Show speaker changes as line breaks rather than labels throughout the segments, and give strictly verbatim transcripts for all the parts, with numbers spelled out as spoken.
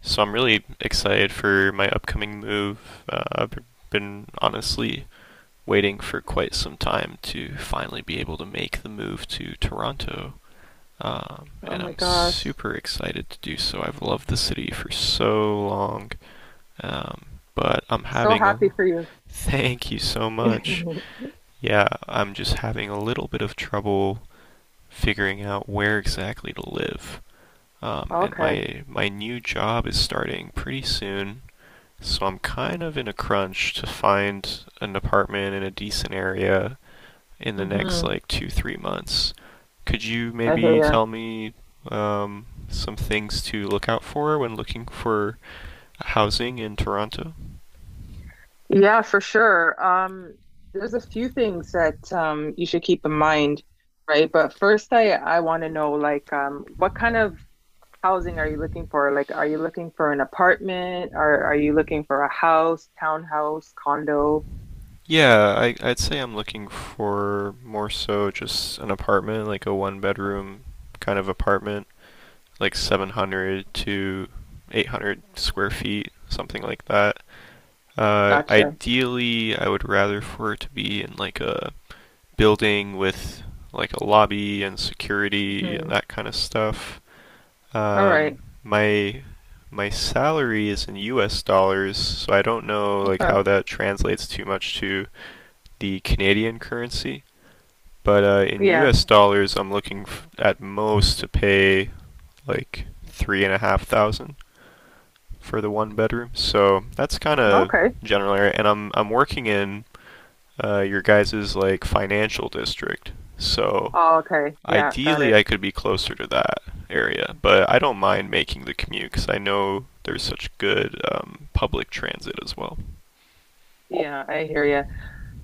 So I'm really excited for my upcoming move. Uh, I've been honestly waiting for quite some time to finally be able to make the move to Toronto. Um,
Oh
and
my
I'm
gosh.
super excited to do so. I've loved the city for so long. Um, but I'm
So
having a.
happy for you.
Thank you so much. Yeah, I'm just having a little bit of trouble figuring out where exactly to live. Um, and
Okay.
my my new job is starting pretty soon. So I'm kind of in a crunch to find an apartment in a decent area in the next
hmm
like two, three months. Could you
I
maybe
hear
tell me um, some things to look out for when looking for housing in Toronto?
you. Yeah, for sure. Um, there's a few things that um you should keep in mind, right? But first I I want to know like um what kind of housing are you looking for? Like are you looking for an apartment or are you looking for a house, townhouse, condo?
Yeah, I, I'd say I'm looking for more so just an apartment, like a one bedroom kind of apartment, like seven hundred to eight hundred square feet, something like that. Uh,
Gotcha.
ideally, I would rather for it to be in like a building with like a lobby and security and
Mhm.
that kind of stuff.
All
Um,
right.
my my salary is in U S dollars, so I don't know like
Okay.
how that translates too much to the Canadian currency. But uh, in
Yeah.
U S dollars, I'm looking f- at most to pay like three and a half thousand for the one bedroom. So that's kind of
Okay.
general area, and I'm I'm working in uh, your guys's like financial district. So
Oh, okay. Yeah, got
ideally,
it.
I could be closer to that area, but I don't mind making the commute because I know there's such good um, public transit as well.
Yeah, I hear you.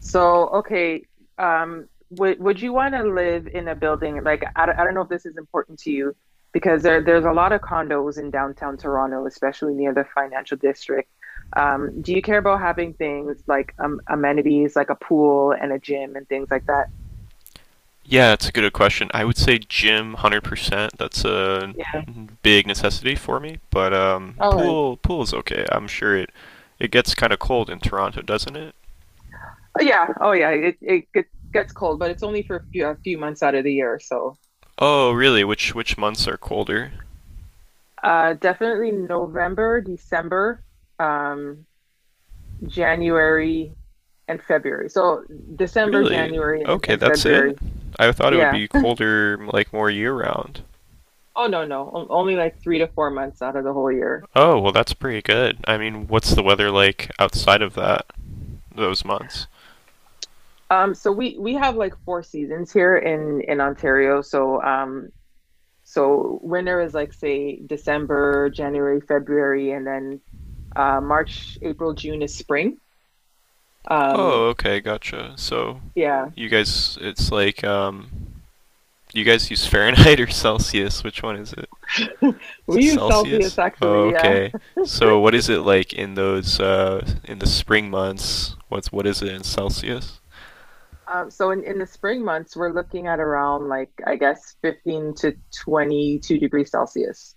So, okay, um, would would you want to live in a building like I don't, I don't know if this is important to you because there there's a lot of condos in downtown Toronto, especially near the financial district. Um, do you care about having things like um, amenities like a pool and a gym and things like that?
Yeah, it's a good question. I would say gym, one hundred percent. That's a
Yeah.
big necessity for me, but um,
All right.
pool pool is okay. I'm sure it it gets kind of cold in Toronto, doesn't it?
Oh, yeah. Oh, yeah. It it get- gets cold, but it's only for a few, a few months out of the year. So,
Oh, really? Which which months are colder?
uh, definitely November, December. Um, January and February. So December,
Really?
January, and,
Okay,
and
that's
February.
it? I thought it would
Yeah.
be colder, like more year round.
Oh no, no. O- Only like three to four months out of the whole year.
Oh, well, that's pretty good. I mean, what's the weather like outside of that, those months?
Um, so we we have like four seasons here in in Ontario. So um, so winter is like say December, January, February, and then uh March, April, June is spring. Um,
Oh, okay, gotcha. So,
yeah.
you guys, it's like, um, you guys use Fahrenheit or Celsius? Which one is it? Is
We
it
use Celsius
Celsius? Oh,
actually, yeah.
okay. So, what is it like in those, uh, in the spring months? What's, what is it in Celsius?
Um, so in, in the spring months, we're looking at around like I guess fifteen to twenty-two degrees Celsius.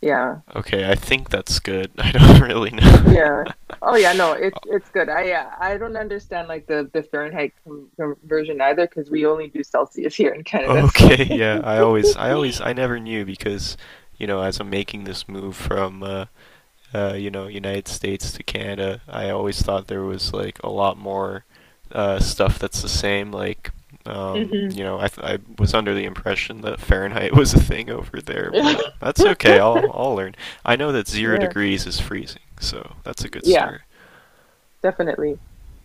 Yeah.
Okay, I think that's good. I don't really know.
Yeah. Oh yeah, no, it's it's good. I Yeah, I don't understand like the the Fahrenheit com conversion either because we only do Celsius here in Canada. So
Okay, yeah, I always, I always, I never knew because, you know, as I'm making this move from, uh, uh, you know, United States to Canada, I always thought there was like a lot more uh, stuff that's the same. Like, um,
mhm.
you know, I, th- I was under the impression that Fahrenheit was a thing over there, but that's okay. I'll, I'll learn. I know that zero
Yeah.
degrees is freezing, so that's a good
Yeah,
start.
definitely.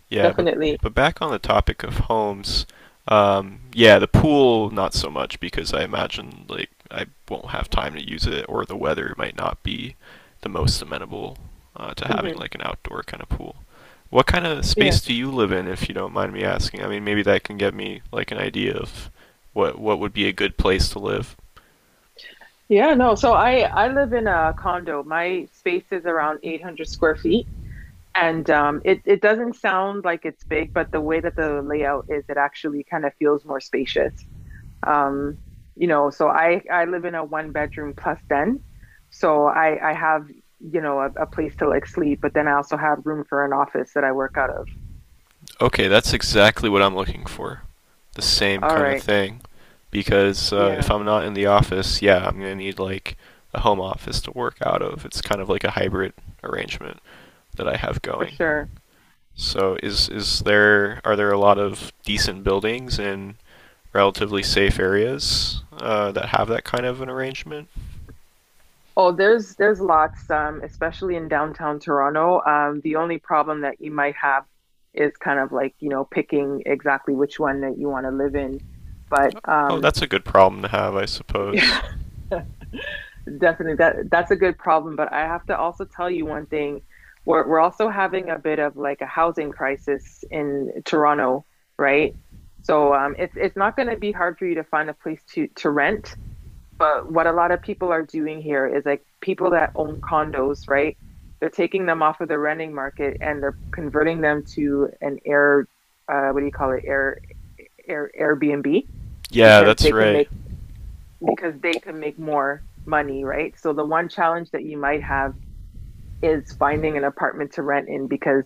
Yeah, but
Definitely.
but back on the topic of homes, um, yeah, the pool not so much because I imagine like I won't have time to use it, or the weather might not be the most amenable uh, to having
Mhm.
like an outdoor kind of pool. What kind of
Yeah.
space do you live in, if you don't mind me asking? I mean, maybe that can get me like an idea of what what would be a good place to live.
Yeah, no. So I I live in a condo. My space is around eight hundred square feet. And um, it it doesn't sound like it's big, but the way that the layout is, it actually kind of feels more spacious. Um, you know, so I I live in a one bedroom plus den, so I I have you know a, a place to like sleep, but then I also have room for an office that I work out of.
Okay, that's exactly what I'm looking for. The same
All
kind of
right,
thing. Because uh, if
yeah,
I'm not in the office, yeah, I'm going to need like a home office to work out of. It's kind of like a hybrid arrangement that I have
for
going.
sure.
So is is there are there a lot of decent buildings in relatively safe areas uh, that have that kind of an arrangement?
Oh, there's there's lots, um, especially in downtown Toronto. Um, the only problem that you might have is kind of like, you know, picking exactly which one that you want to live in. But
Oh,
um,
that's a good problem to have, I suppose.
yeah, definitely. That that's a good problem, but I have to also tell you one thing. We're we're also having a bit of like a housing crisis in Toronto, right? So um, it's it's not going to be hard for you to find a place to to rent. But what a lot of people are doing here is like people that own condos, right? They're taking them off of the renting market and they're converting them to an air, uh, what do you call it? Air, air Airbnb
Yeah,
because
that's
they can
right.
make because they can make more money, right? So the one challenge that you might have is finding an apartment to rent in because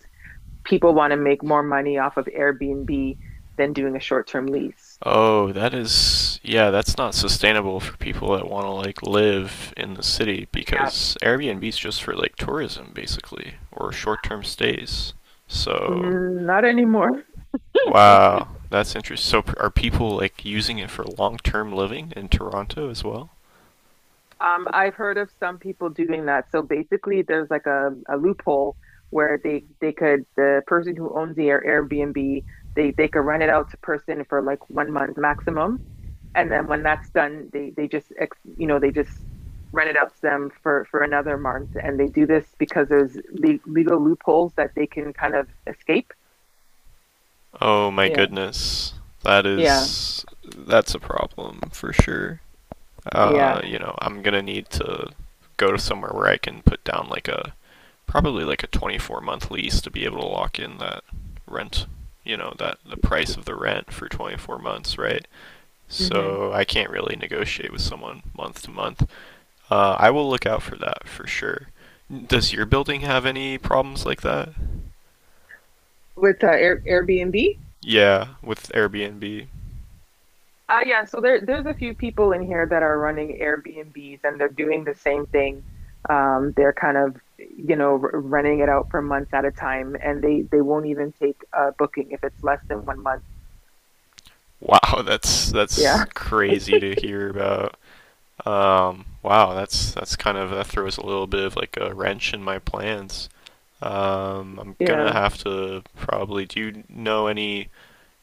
people want to make more money off of Airbnb than doing a short-term lease.
Oh, that is, yeah, that's not sustainable for people that want to like live in the city
Yeah.
because Airbnb's just for like tourism basically or short-term stays. So,
Mm, not anymore.
wow, that's interesting. So, p- are people like using it for long-term living in Toronto as well?
Um, I've heard of some people doing that. So basically, there's like a, a loophole where they they could the person who owns the Air- Airbnb, they they could rent it out to person for like one month maximum, and then when that's done, they they just you know they just rent it out to them for for another month, and they do this because there's le- legal loopholes that they can kind of escape.
Oh my
Yeah,
goodness. That
yeah,
is that's a problem for sure.
yeah.
uh, you know, I'm gonna need to go to somewhere where I can put down like a probably like a twenty-four month lease to be able to lock in that rent, you know, that the price of the rent for twenty-four months, right?
Mm-hmm.
So I can't really negotiate with someone month to month. Uh, I will look out for that for sure. Does your building have any problems like that?
With uh, Air Airbnb,
Yeah, with Airbnb.
Uh, yeah, so there there's a few people in here that are running Airbnbs and they're doing the same thing. Um, they're kind of, you know, r renting it out for months at a time, and they they won't even take a booking if it's less than one month.
Wow, that's that's
Yeah,
crazy to hear about. Um, wow, that's that's kind of that throws a little bit of like a wrench in my plans. Um, I'm gonna
yeah.
have to probably. Do you know any?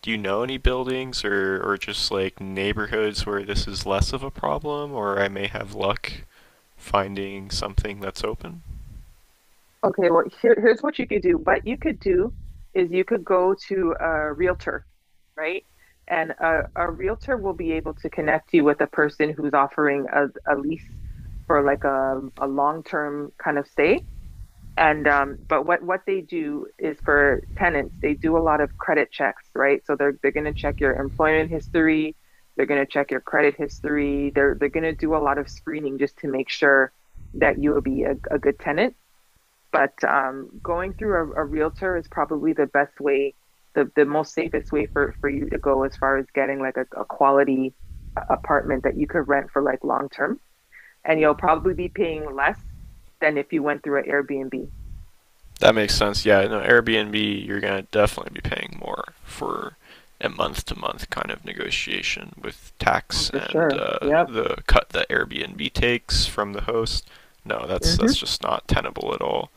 Do you know any buildings or or just like neighborhoods where this is less of a problem, or I may have luck finding something that's open?
Okay, well, here, here's what you could do. What you could do is you could go to a realtor, right? And a, a realtor will be able to connect you with a person who's offering a, a lease for like a, a long-term kind of stay. And um, but what what they do is for tenants, they do a lot of credit checks, right? So they're they're going to check your employment history, they're going to check your credit history, they're they're going to do a lot of screening just to make sure that you will be a, a good tenant. But um, going through a, a realtor is probably the best way, the, the most safest way for, for you to go as far as getting like a, a quality uh, apartment that you could rent for like long term. And you'll probably be paying less than if you went through an Airbnb.
That makes sense. Yeah, no, Airbnb, you're gonna definitely be paying more for a month-to-month kind of negotiation with
Oh,
tax
for
and
sure.
uh,
Yep.
the cut that Airbnb takes from the host. No, that's that's
Hmm.
just not tenable at all.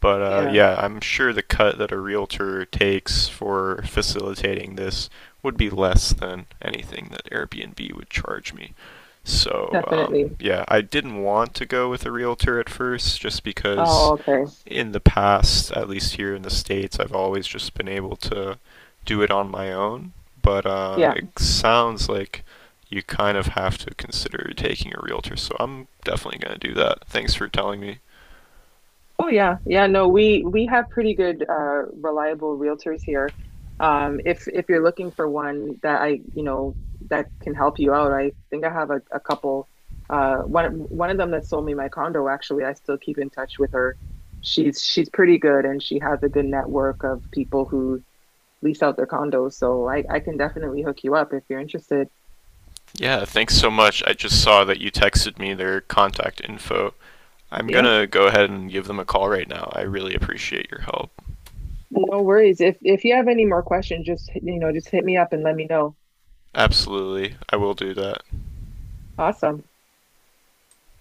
But uh,
Yeah,
yeah, I'm sure the cut that a realtor takes for facilitating this would be less than anything that Airbnb would charge me. So um,
definitely.
yeah, I didn't want to go with a realtor at first just because
Oh, okay.
in the past, at least here in the States, I've always just been able to do it on my own. But uh,
Yeah.
it sounds like you kind of have to consider taking a realtor. So I'm definitely going to do that. Thanks for telling me.
Oh yeah, yeah. No, we we have pretty good, uh, reliable realtors here. Um, if if you're looking for one that I, you know, that can help you out, I think I have a, a couple. Uh, one one of them that sold me my condo, actually, I still keep in touch with her. She's she's pretty good, and she has a good network of people who lease out their condos. So I I can definitely hook you up if you're interested.
Yeah, thanks so much. I just saw that you texted me their contact info. I'm going
Yeah,
to go ahead and give them a call right now. I really appreciate your help.
no worries. If if you have any more questions, just you know, just hit me up and let me know.
Absolutely. I will do that.
Awesome.